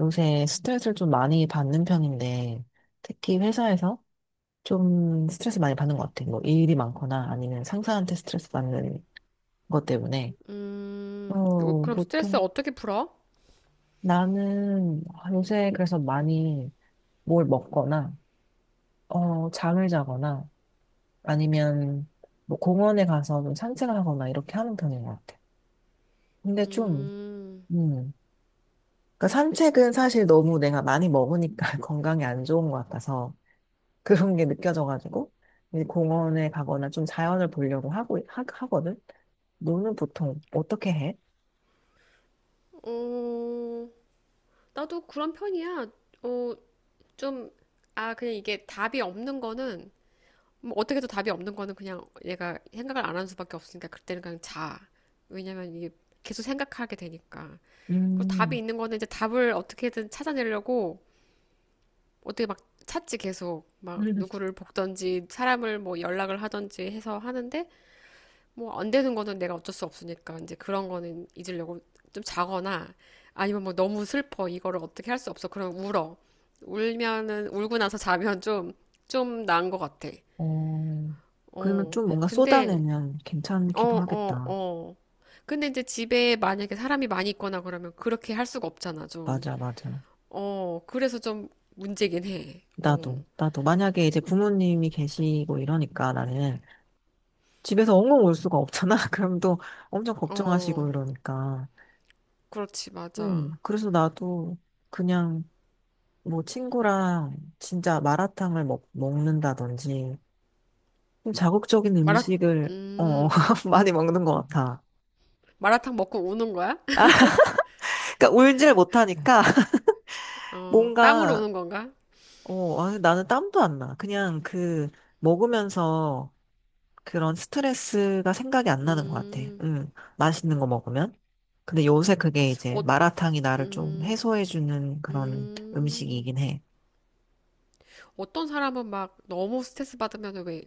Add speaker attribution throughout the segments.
Speaker 1: 요새 스트레스를 좀 많이 받는 편인데, 특히 회사에서 좀 스트레스 많이 받는 것 같아요. 뭐 일이 많거나 아니면 상사한테 스트레스 받는 것 때문에.
Speaker 2: 그럼 스트레스
Speaker 1: 보통
Speaker 2: 어떻게 풀어?
Speaker 1: 나는 요새 그래서 많이 뭘 먹거나, 잠을 자거나 아니면 뭐 공원에 가서 좀 산책을 하거나 이렇게 하는 편인 것 같아요. 근데 좀, 음. 그러니까 산책은 사실 너무 내가 많이 먹으니까 건강에 안 좋은 것 같아서 그런 게 느껴져가지고 이제 공원에 가거나 좀 자연을 보려고 하고 하거든. 너는 보통 어떻게 해?
Speaker 2: 어, 나도 그런 편이야. 어, 좀, 아, 그냥 이게 답이 없는 거는, 뭐 어떻게 해도 답이 없는 거는 그냥 얘가 생각을 안 하는 수밖에 없으니까 그때는 그냥 자. 왜냐면 이게 계속 생각하게 되니까. 그리고 답이
Speaker 1: 음,
Speaker 2: 있는 거는 이제 답을 어떻게든 찾아내려고 어떻게 막 찾지 계속. 막 누구를 볶던지 사람을 뭐 연락을 하던지 해서 하는데 뭐 안 되는 거는 내가 어쩔 수 없으니까 이제 그런 거는 잊으려고 좀 자거나 아니면 뭐 너무 슬퍼 이거를 어떻게 할 수 없어 그럼 울어. 울면은 울고 나서 자면 좀 나은 것 같아.
Speaker 1: 어, 그러면 좀 뭔가
Speaker 2: 근데
Speaker 1: 쏟아내면
Speaker 2: 어,
Speaker 1: 괜찮기도
Speaker 2: 어,
Speaker 1: 하겠다.
Speaker 2: 어. 근데 이제 집에 만약에 사람이 많이 있거나 그러면 그렇게 할 수가 없잖아, 좀.
Speaker 1: 맞아, 맞아.
Speaker 2: 그래서 좀 문제긴
Speaker 1: 나도, 나도. 만약에 이제 부모님이 계시고 이러니까 나는 집에서 엉엉 울 수가 없잖아. 그럼 또 엄청 걱정하시고
Speaker 2: 해어어.
Speaker 1: 이러니까.
Speaker 2: 그렇지, 맞아.
Speaker 1: 그래서 나도 그냥 뭐 친구랑 진짜 마라탕을 먹는다든지 좀 자극적인
Speaker 2: 마라
Speaker 1: 음식을 어,
Speaker 2: 음
Speaker 1: 많이 먹는 것 같아.
Speaker 2: 마라탕 먹고 우는 거야?
Speaker 1: 그러니까 울질 못하니까
Speaker 2: 땀으로
Speaker 1: 뭔가
Speaker 2: 우는 건가?
Speaker 1: 어, 아니, 나는 땀도 안 나. 그냥 그 먹으면서 그런 스트레스가 생각이 안 나는 것 같아.
Speaker 2: 음,
Speaker 1: 맛있는 거 먹으면. 근데 요새 그게 이제
Speaker 2: 어,
Speaker 1: 마라탕이 나를 좀
Speaker 2: 음,
Speaker 1: 해소해주는 그런
Speaker 2: 음.
Speaker 1: 음식이긴 해.
Speaker 2: 어떤 사람은 막 너무 스트레스 받으면 왜,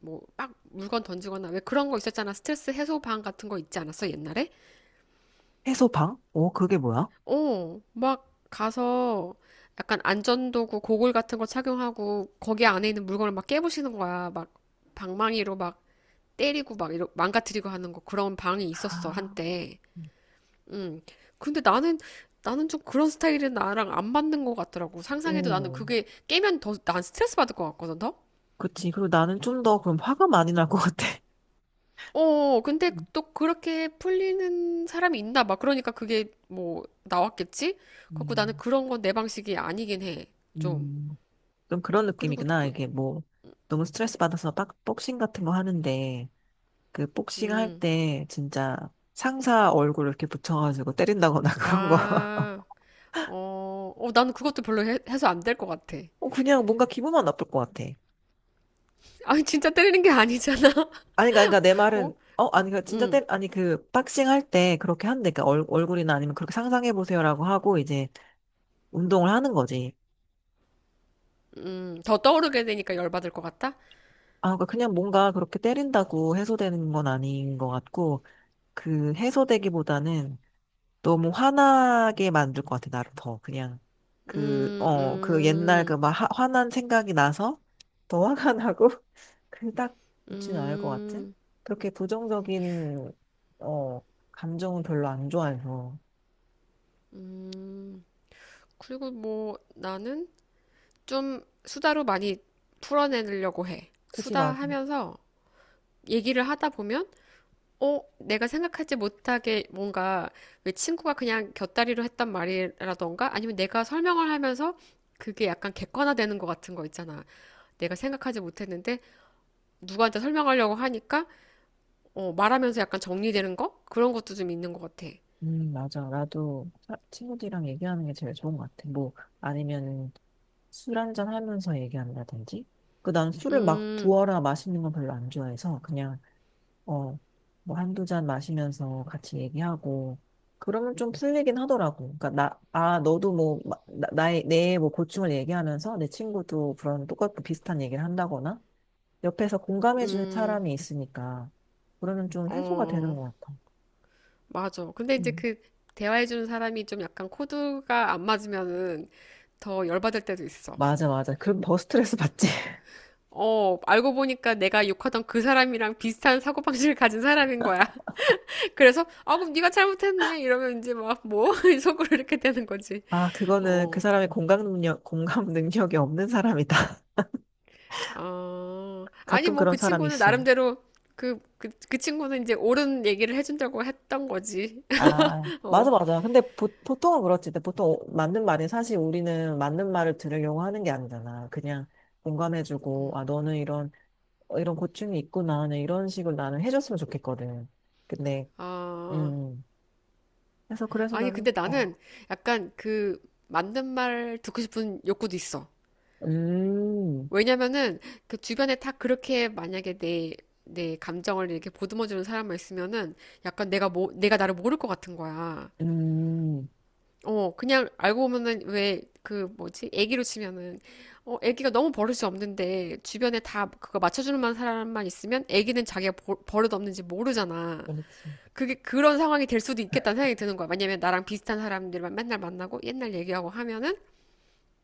Speaker 2: 뭐, 막 물건 던지거나 왜 그런 거 있었잖아. 스트레스 해소방 같은 거 있지 않았어, 옛날에?
Speaker 1: 해소방? 어, 그게 뭐야?
Speaker 2: 막 가서 약간 안전도구, 고글 같은 거 착용하고 거기 안에 있는 물건을 막 깨부시는 거야. 막 방망이로 막 때리고 막 망가뜨리고 하는 거, 그런 방이 있었어,
Speaker 1: 아,
Speaker 2: 한때. 음. 근데 나는 좀 그런 스타일은 나랑 안 맞는 것 같더라고. 상상해도 나는
Speaker 1: 오,
Speaker 2: 그게 깨면 더 난 스트레스 받을 것 같거든, 더.
Speaker 1: 그치. 그리고 나는 좀 더 그럼 화가 많이 날 것 같아.
Speaker 2: 근데
Speaker 1: 음,
Speaker 2: 또 그렇게 풀리는 사람이 있나 봐. 그러니까 그게 뭐 나왔겠지? 그래갖고 나는
Speaker 1: 음.
Speaker 2: 그런 건 내 방식이 아니긴 해. 좀.
Speaker 1: 음. 좀 그런
Speaker 2: 그리고
Speaker 1: 느낌이구나.
Speaker 2: 또,
Speaker 1: 이게 뭐, 너무 스트레스 받아서 빡, 복싱 같은 거 하는데, 그 복싱 할
Speaker 2: 음,
Speaker 1: 때 진짜 상사 얼굴 이렇게 붙여가지고 때린다거나 그런 거.
Speaker 2: 아, 어, 어, 나는 그것도 별로 해서 안 될 것 같아.
Speaker 1: 그냥 뭔가 기분만 나쁠 것 같아.
Speaker 2: 아니, 진짜 때리는 게 아니잖아.
Speaker 1: 아니, 그러니까 내
Speaker 2: 어?
Speaker 1: 말은, 어, 아니, 그 진짜
Speaker 2: 음,
Speaker 1: 때, 아니, 그 복싱 할 때 그렇게 한대. 그러니까 얼굴이나 아니면 그렇게 상상해보세요라고 하고 이제 운동을 하는 거지.
Speaker 2: 더 떠오르게 되니까 열받을 것 같다?
Speaker 1: 아, 그러니까 그냥 뭔가 그렇게 때린다고 해소되는 건 아닌 것 같고, 그 해소되기보다는 너무 화나게 만들 것 같아, 나를 더. 그냥, 그,
Speaker 2: 음,
Speaker 1: 어, 그 옛날 그
Speaker 2: 음.
Speaker 1: 막 화난 생각이 나서 더 화가 나고, 그닥 있는 않을 것 같아.
Speaker 2: 음,
Speaker 1: 그렇게 부정적인, 어, 감정은 별로 안 좋아해서.
Speaker 2: 음. 그리고 뭐 나는 좀 수다로 많이 풀어내려고 해.
Speaker 1: 그치, 맞아.
Speaker 2: 수다하면서 얘기를 하다 보면, 내가 생각하지 못하게 뭔가, 왜 친구가 그냥 곁다리로 했던 말이라던가 아니면 내가 설명을 하면서 그게 약간 객관화되는 것 같은 거 있잖아. 내가 생각하지 못했는데 누구한테 설명하려고 하니까 말하면서 약간 정리되는 거? 그런 것도 좀 있는 것 같아.
Speaker 1: 맞아. 나도 친구들이랑 얘기하는 게 제일 좋은 것 같아. 뭐, 아니면 술 한 잔 하면서 얘기한다든지. 그 난 술을 막 부어라 마시는 건 별로 안 좋아해서 그냥 어, 뭐 한두 잔 마시면서 같이 얘기하고, 그러면 좀 풀리긴 하더라고. 그러니까 나, 아, 너도 뭐, 마- 나, 나의, 내 뭐 고충을 얘기하면서 내 친구도 그런 똑같고 비슷한 얘기를 한다거나, 옆에서 공감해주는
Speaker 2: 음,
Speaker 1: 사람이 있으니까, 그러면 좀 해소가 되는
Speaker 2: 어.
Speaker 1: 것 같아.
Speaker 2: 맞아. 근데 이제
Speaker 1: 음.
Speaker 2: 그 대화해주는 사람이 좀 약간 코드가 안 맞으면은 더 열받을 때도 있어.
Speaker 1: 맞아, 맞아. 그럼 더 스트레스 받지.
Speaker 2: 알고 보니까 내가 욕하던 그 사람이랑 비슷한 사고방식을 가진 사람인 거야. 그래서, 아, 그럼 네가 잘못했네. 이러면 이제 막, 뭐? 속으로 이렇게 되는 거지.
Speaker 1: 아, 그거는 그
Speaker 2: 어,
Speaker 1: 사람의 공감 능력, 공감 능력이 없는 사람이다.
Speaker 2: 아니,
Speaker 1: 가끔
Speaker 2: 뭐,
Speaker 1: 그런
Speaker 2: 그
Speaker 1: 사람이
Speaker 2: 친구는
Speaker 1: 있어.
Speaker 2: 나름대로, 그 친구는 이제 옳은 얘기를 해준다고 했던 거지.
Speaker 1: 아, 맞아,
Speaker 2: 어,
Speaker 1: 맞아. 근데 보, 보통은 그렇지. 근데 보통 오- 맞는 말이 사실 우리는 맞는 말을 들으려고 하는 게 아니잖아. 그냥 공감해주고, 아, 너는 이런, 어, 이런 고충이 있구나. 나는 이런 식으로 나는 해줬으면 좋겠거든. 근데,
Speaker 2: 아,
Speaker 1: 음. 그래서, 그래서
Speaker 2: 아니,
Speaker 1: 나는,
Speaker 2: 근데
Speaker 1: 어,
Speaker 2: 나는 약간 그 맞는 말 듣고 싶은 욕구도 있어.
Speaker 1: 음,
Speaker 2: 왜냐면은 그 주변에 다 그렇게 만약에 내 감정을 이렇게 보듬어주는 사람만 있으면은 약간 내가 뭐, 내가 나를 모를 것 같은 거야.
Speaker 1: 음,
Speaker 2: 그냥 알고 보면은 왜, 그 뭐지? 애기로 치면은, 애기가 너무 버릇이 없는데 주변에 다 그거 맞춰주는 만 사람만 있으면 애기는 자기가 버릇 없는지 모르잖아.
Speaker 1: 그렇지.
Speaker 2: 그게 그런 상황이 될 수도 있겠다는 생각이 드는 거야. 왜냐면 나랑 비슷한 사람들만 맨날 만나고 옛날 얘기하고 하면은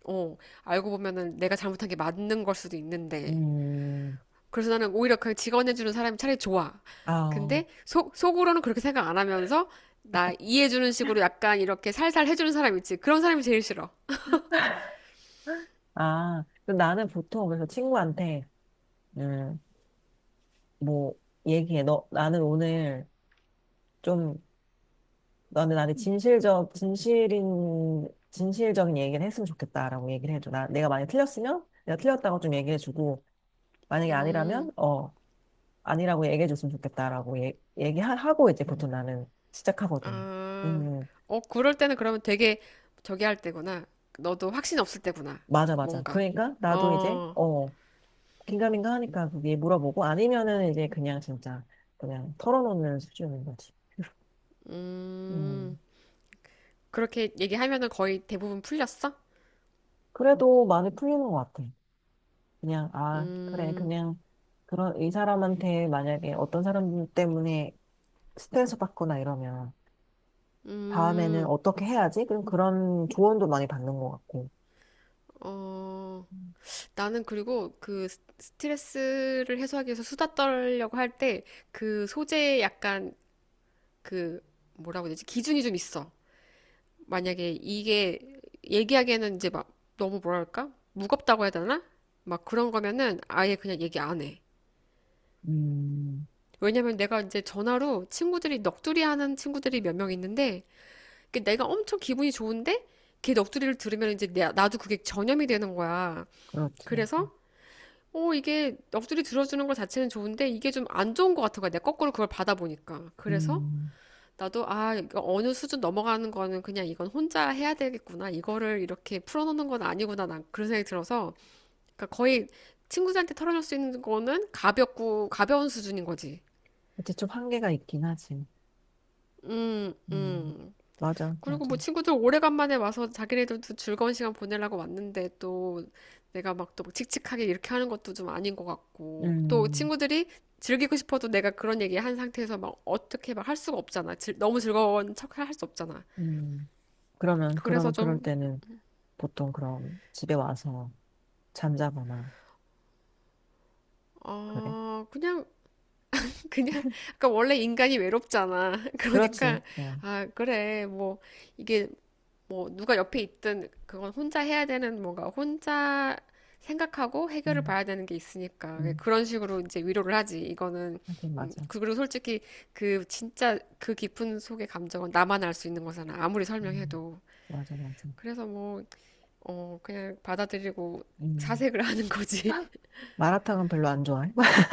Speaker 2: 어, 알고 보면은 내가 잘못한 게 맞는 걸 수도 있는데.
Speaker 1: 음,
Speaker 2: 그래서 나는 오히려 그 직원해주는 사람이 차라리 좋아.
Speaker 1: 아,
Speaker 2: 근데 속으로는 그렇게 생각 안 하면서 나 이해해주는 식으로 약간 이렇게 살살 해주는 사람 있지. 그런 사람이 제일 싫어.
Speaker 1: 아. 그럼 나는 보통 그래서 친구한테, 음, 뭐, 얘기해. 너, 나는 오늘 좀 너는 나한테 진실적, 진실인, 진실적인 얘기를 했으면 좋겠다라고 얘기를 해줘. 나, 내가 만약에 틀렸으면 내가 틀렸다고 좀 얘기해주고, 만약에 아니라면, 아니라고 얘기해줬으면 좋겠다라고 얘기하고 이제 보통 나는 시작하거든.
Speaker 2: 아,
Speaker 1: 음, 음.
Speaker 2: 그럴 때는 그러면 되게 저기 할 때구나. 너도 확신 없을 때구나.
Speaker 1: 맞아, 맞아.
Speaker 2: 뭔가.
Speaker 1: 그러니까 나도 이제,
Speaker 2: 어,
Speaker 1: 어, 긴가민가 하니까 그게 물어보고, 아니면은 이제 그냥 진짜, 그냥 털어놓는 수준인 거지.
Speaker 2: 음,
Speaker 1: 음,
Speaker 2: 그렇게 얘기하면은 거의 대부분 풀렸어?
Speaker 1: 그래도 많이 풀리는 것 같아. 그냥, 아, 그래,
Speaker 2: 음,
Speaker 1: 그냥, 그런, 이 사람한테 만약에 어떤 사람 때문에 스트레스 받거나 이러면, 다음에는
Speaker 2: 음,
Speaker 1: 어떻게 해야지? 그럼 그런 조언도 많이 받는 것 같고.
Speaker 2: 어. 나는 그리고 그 스트레스를 해소하기 위해서 수다 떨려고 할 때 그 소재에 약간, 그, 뭐라고 해야 되지? 기준이 좀 있어. 만약에 이게 얘기하기에는 이제 막 너무 뭐랄까? 무겁다고 해야 되나? 막 그런 거면은 아예 그냥 얘기 안 해.
Speaker 1: 음,
Speaker 2: 왜냐면 내가 이제 전화로 친구들이 넋두리 하는 친구들이 몇 명 있는데 그, 내가 엄청 기분이 좋은데 걔 넋두리를 들으면 이제 나도 그게 전염이 되는 거야.
Speaker 1: 그렇지.
Speaker 2: 그래서 오, 이게 넋두리 들어주는 것 자체는 좋은데 이게 좀 안 좋은 것 같은 거야. 내가 거꾸로 그걸 받아보니까. 그래서
Speaker 1: 음.
Speaker 2: 나도, 아, 이거 어느 수준 넘어가는 거는 그냥 이건 혼자 해야 되겠구나, 이거를 이렇게 풀어놓는 건 아니구나, 난 그런 생각이 들어서. 그러니까 거의 친구들한테 털어놓을 수 있는 거는 가볍고 가벼운 수준인 거지.
Speaker 1: 그치, 좀 한계가 있긴 하지.
Speaker 2: 음,
Speaker 1: 음.
Speaker 2: 음.
Speaker 1: 맞아,
Speaker 2: 그리고
Speaker 1: 맞아.
Speaker 2: 뭐 친구들 오래간만에 와서 자기네들도 즐거운 시간 보내려고 왔는데 또 내가 막 또 칙칙하게 이렇게 하는 것도 좀 아닌 것 같고, 또
Speaker 1: 음,
Speaker 2: 친구들이 즐기고 싶어도 내가 그런 얘기 한 상태에서 막 어떻게 막 할 수가 없잖아. 너무 즐거운 척할 수 없잖아.
Speaker 1: 음. 그러면,
Speaker 2: 그래서
Speaker 1: 그러면 그럴
Speaker 2: 좀,
Speaker 1: 때는 보통 그럼 집에 와서 잠자거나, 그래.
Speaker 2: 그냥, 그냥, 그까 원래 인간이 외롭잖아. 그러니까,
Speaker 1: 그렇지. 어.
Speaker 2: 아, 그래, 뭐, 이게, 뭐 누가 옆에 있든 그건 혼자 해야 되는, 뭔가 혼자 생각하고 해결을
Speaker 1: 음,
Speaker 2: 봐야 되는 게 있으니까
Speaker 1: 음.
Speaker 2: 그런 식으로 이제 위로를 하지. 이거는,
Speaker 1: 하긴, 맞아.
Speaker 2: 그, 그리고 솔직히 그 진짜 그 깊은 속의 감정은 나만 알 수 있는 거잖아, 아무리
Speaker 1: 음.
Speaker 2: 설명해도.
Speaker 1: 맞아, 맞아.
Speaker 2: 그래서 뭐 그냥 받아들이고
Speaker 1: 음,
Speaker 2: 사색을 하는 거지.
Speaker 1: 마라탕은 별로 안 좋아해?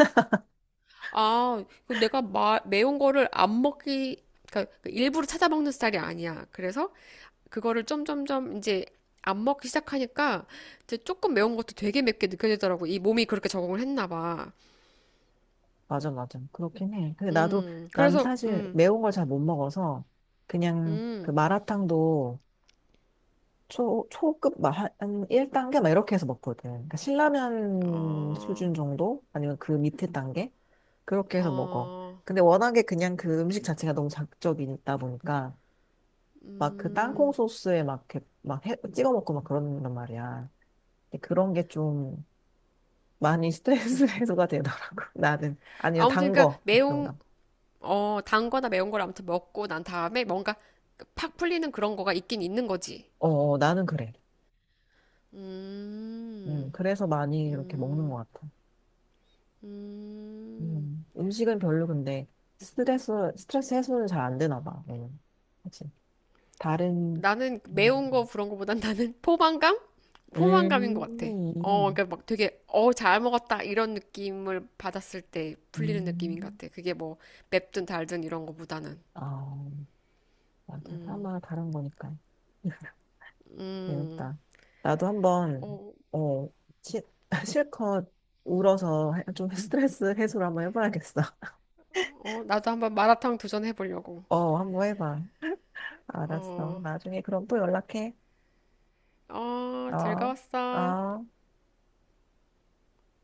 Speaker 2: 아, 이거 내가 매운 거를 안 먹기, 그러니까 일부러 찾아 먹는 스타일이 아니야. 그래서 그거를 점점점 이제 안 먹기 시작하니까 이제 조금 매운 것도 되게 맵게 느껴지더라고. 이 몸이 그렇게 적응을 했나 봐.
Speaker 1: 맞아, 맞아. 그렇긴 해. 근데 나도, 난
Speaker 2: 그래서,
Speaker 1: 사실 매운 걸 잘 못 먹어서, 그냥 그
Speaker 2: 음,
Speaker 1: 마라탕도 초, 초급, 마- 한 1단계? 막 이렇게 해서 먹거든. 그러니까 신라면
Speaker 2: 어,
Speaker 1: 수준 정도? 아니면 그 밑에 단계? 그렇게 해서 먹어.
Speaker 2: 어,
Speaker 1: 근데 워낙에 그냥 그 음식 자체가 너무 자극적이다 보니까, 막 그 땅콩
Speaker 2: 음.
Speaker 1: 소스에 막, 이렇게 막 찍어 먹고 막 그런단 말이야. 근데 그런 게좀 많이 스트레스 해소가 되더라고. 나는. 아니요,
Speaker 2: 아무튼,
Speaker 1: 단
Speaker 2: 그러니까
Speaker 1: 거. 뭔가.
Speaker 2: 단 거나 매운 걸 아무튼 먹고 난 다음에 뭔가 팍 풀리는 그런 거가 있긴 있는 거지.
Speaker 1: 어, 어, 나는 그래.
Speaker 2: 음,
Speaker 1: 그래서 많이 이렇게 먹는 것 같아.
Speaker 2: 음.
Speaker 1: 음식은 별로 근데 스트레스, 스트레스 해소는 잘 안 되나 봐. 그치. 다른,
Speaker 2: 나는 매운 거
Speaker 1: 음,
Speaker 2: 그런 거보단 나는 포만감? 포만감인 것 같아.
Speaker 1: 음,
Speaker 2: 그러니까 막 되게, 잘 먹었다 이런 느낌을 받았을 때 풀리는 느낌인 것
Speaker 1: 음.
Speaker 2: 같아. 그게 뭐 맵든 달든 이런 거보다는.
Speaker 1: 아, 맞아. 사마 다른 거니까.
Speaker 2: 음,
Speaker 1: 재밌다. 나도 한번,
Speaker 2: 어,
Speaker 1: 어, 치, 실컷 울어서 좀 스트레스 해소를 한번 해봐야겠어.
Speaker 2: 어, 나도 한번 마라탕 도전해 보려고.
Speaker 1: 어, 한번 해봐. 알았어.
Speaker 2: 어,
Speaker 1: 나중에 그럼 또 연락해.
Speaker 2: 어,
Speaker 1: 어,
Speaker 2: 즐거웠어.
Speaker 1: 어.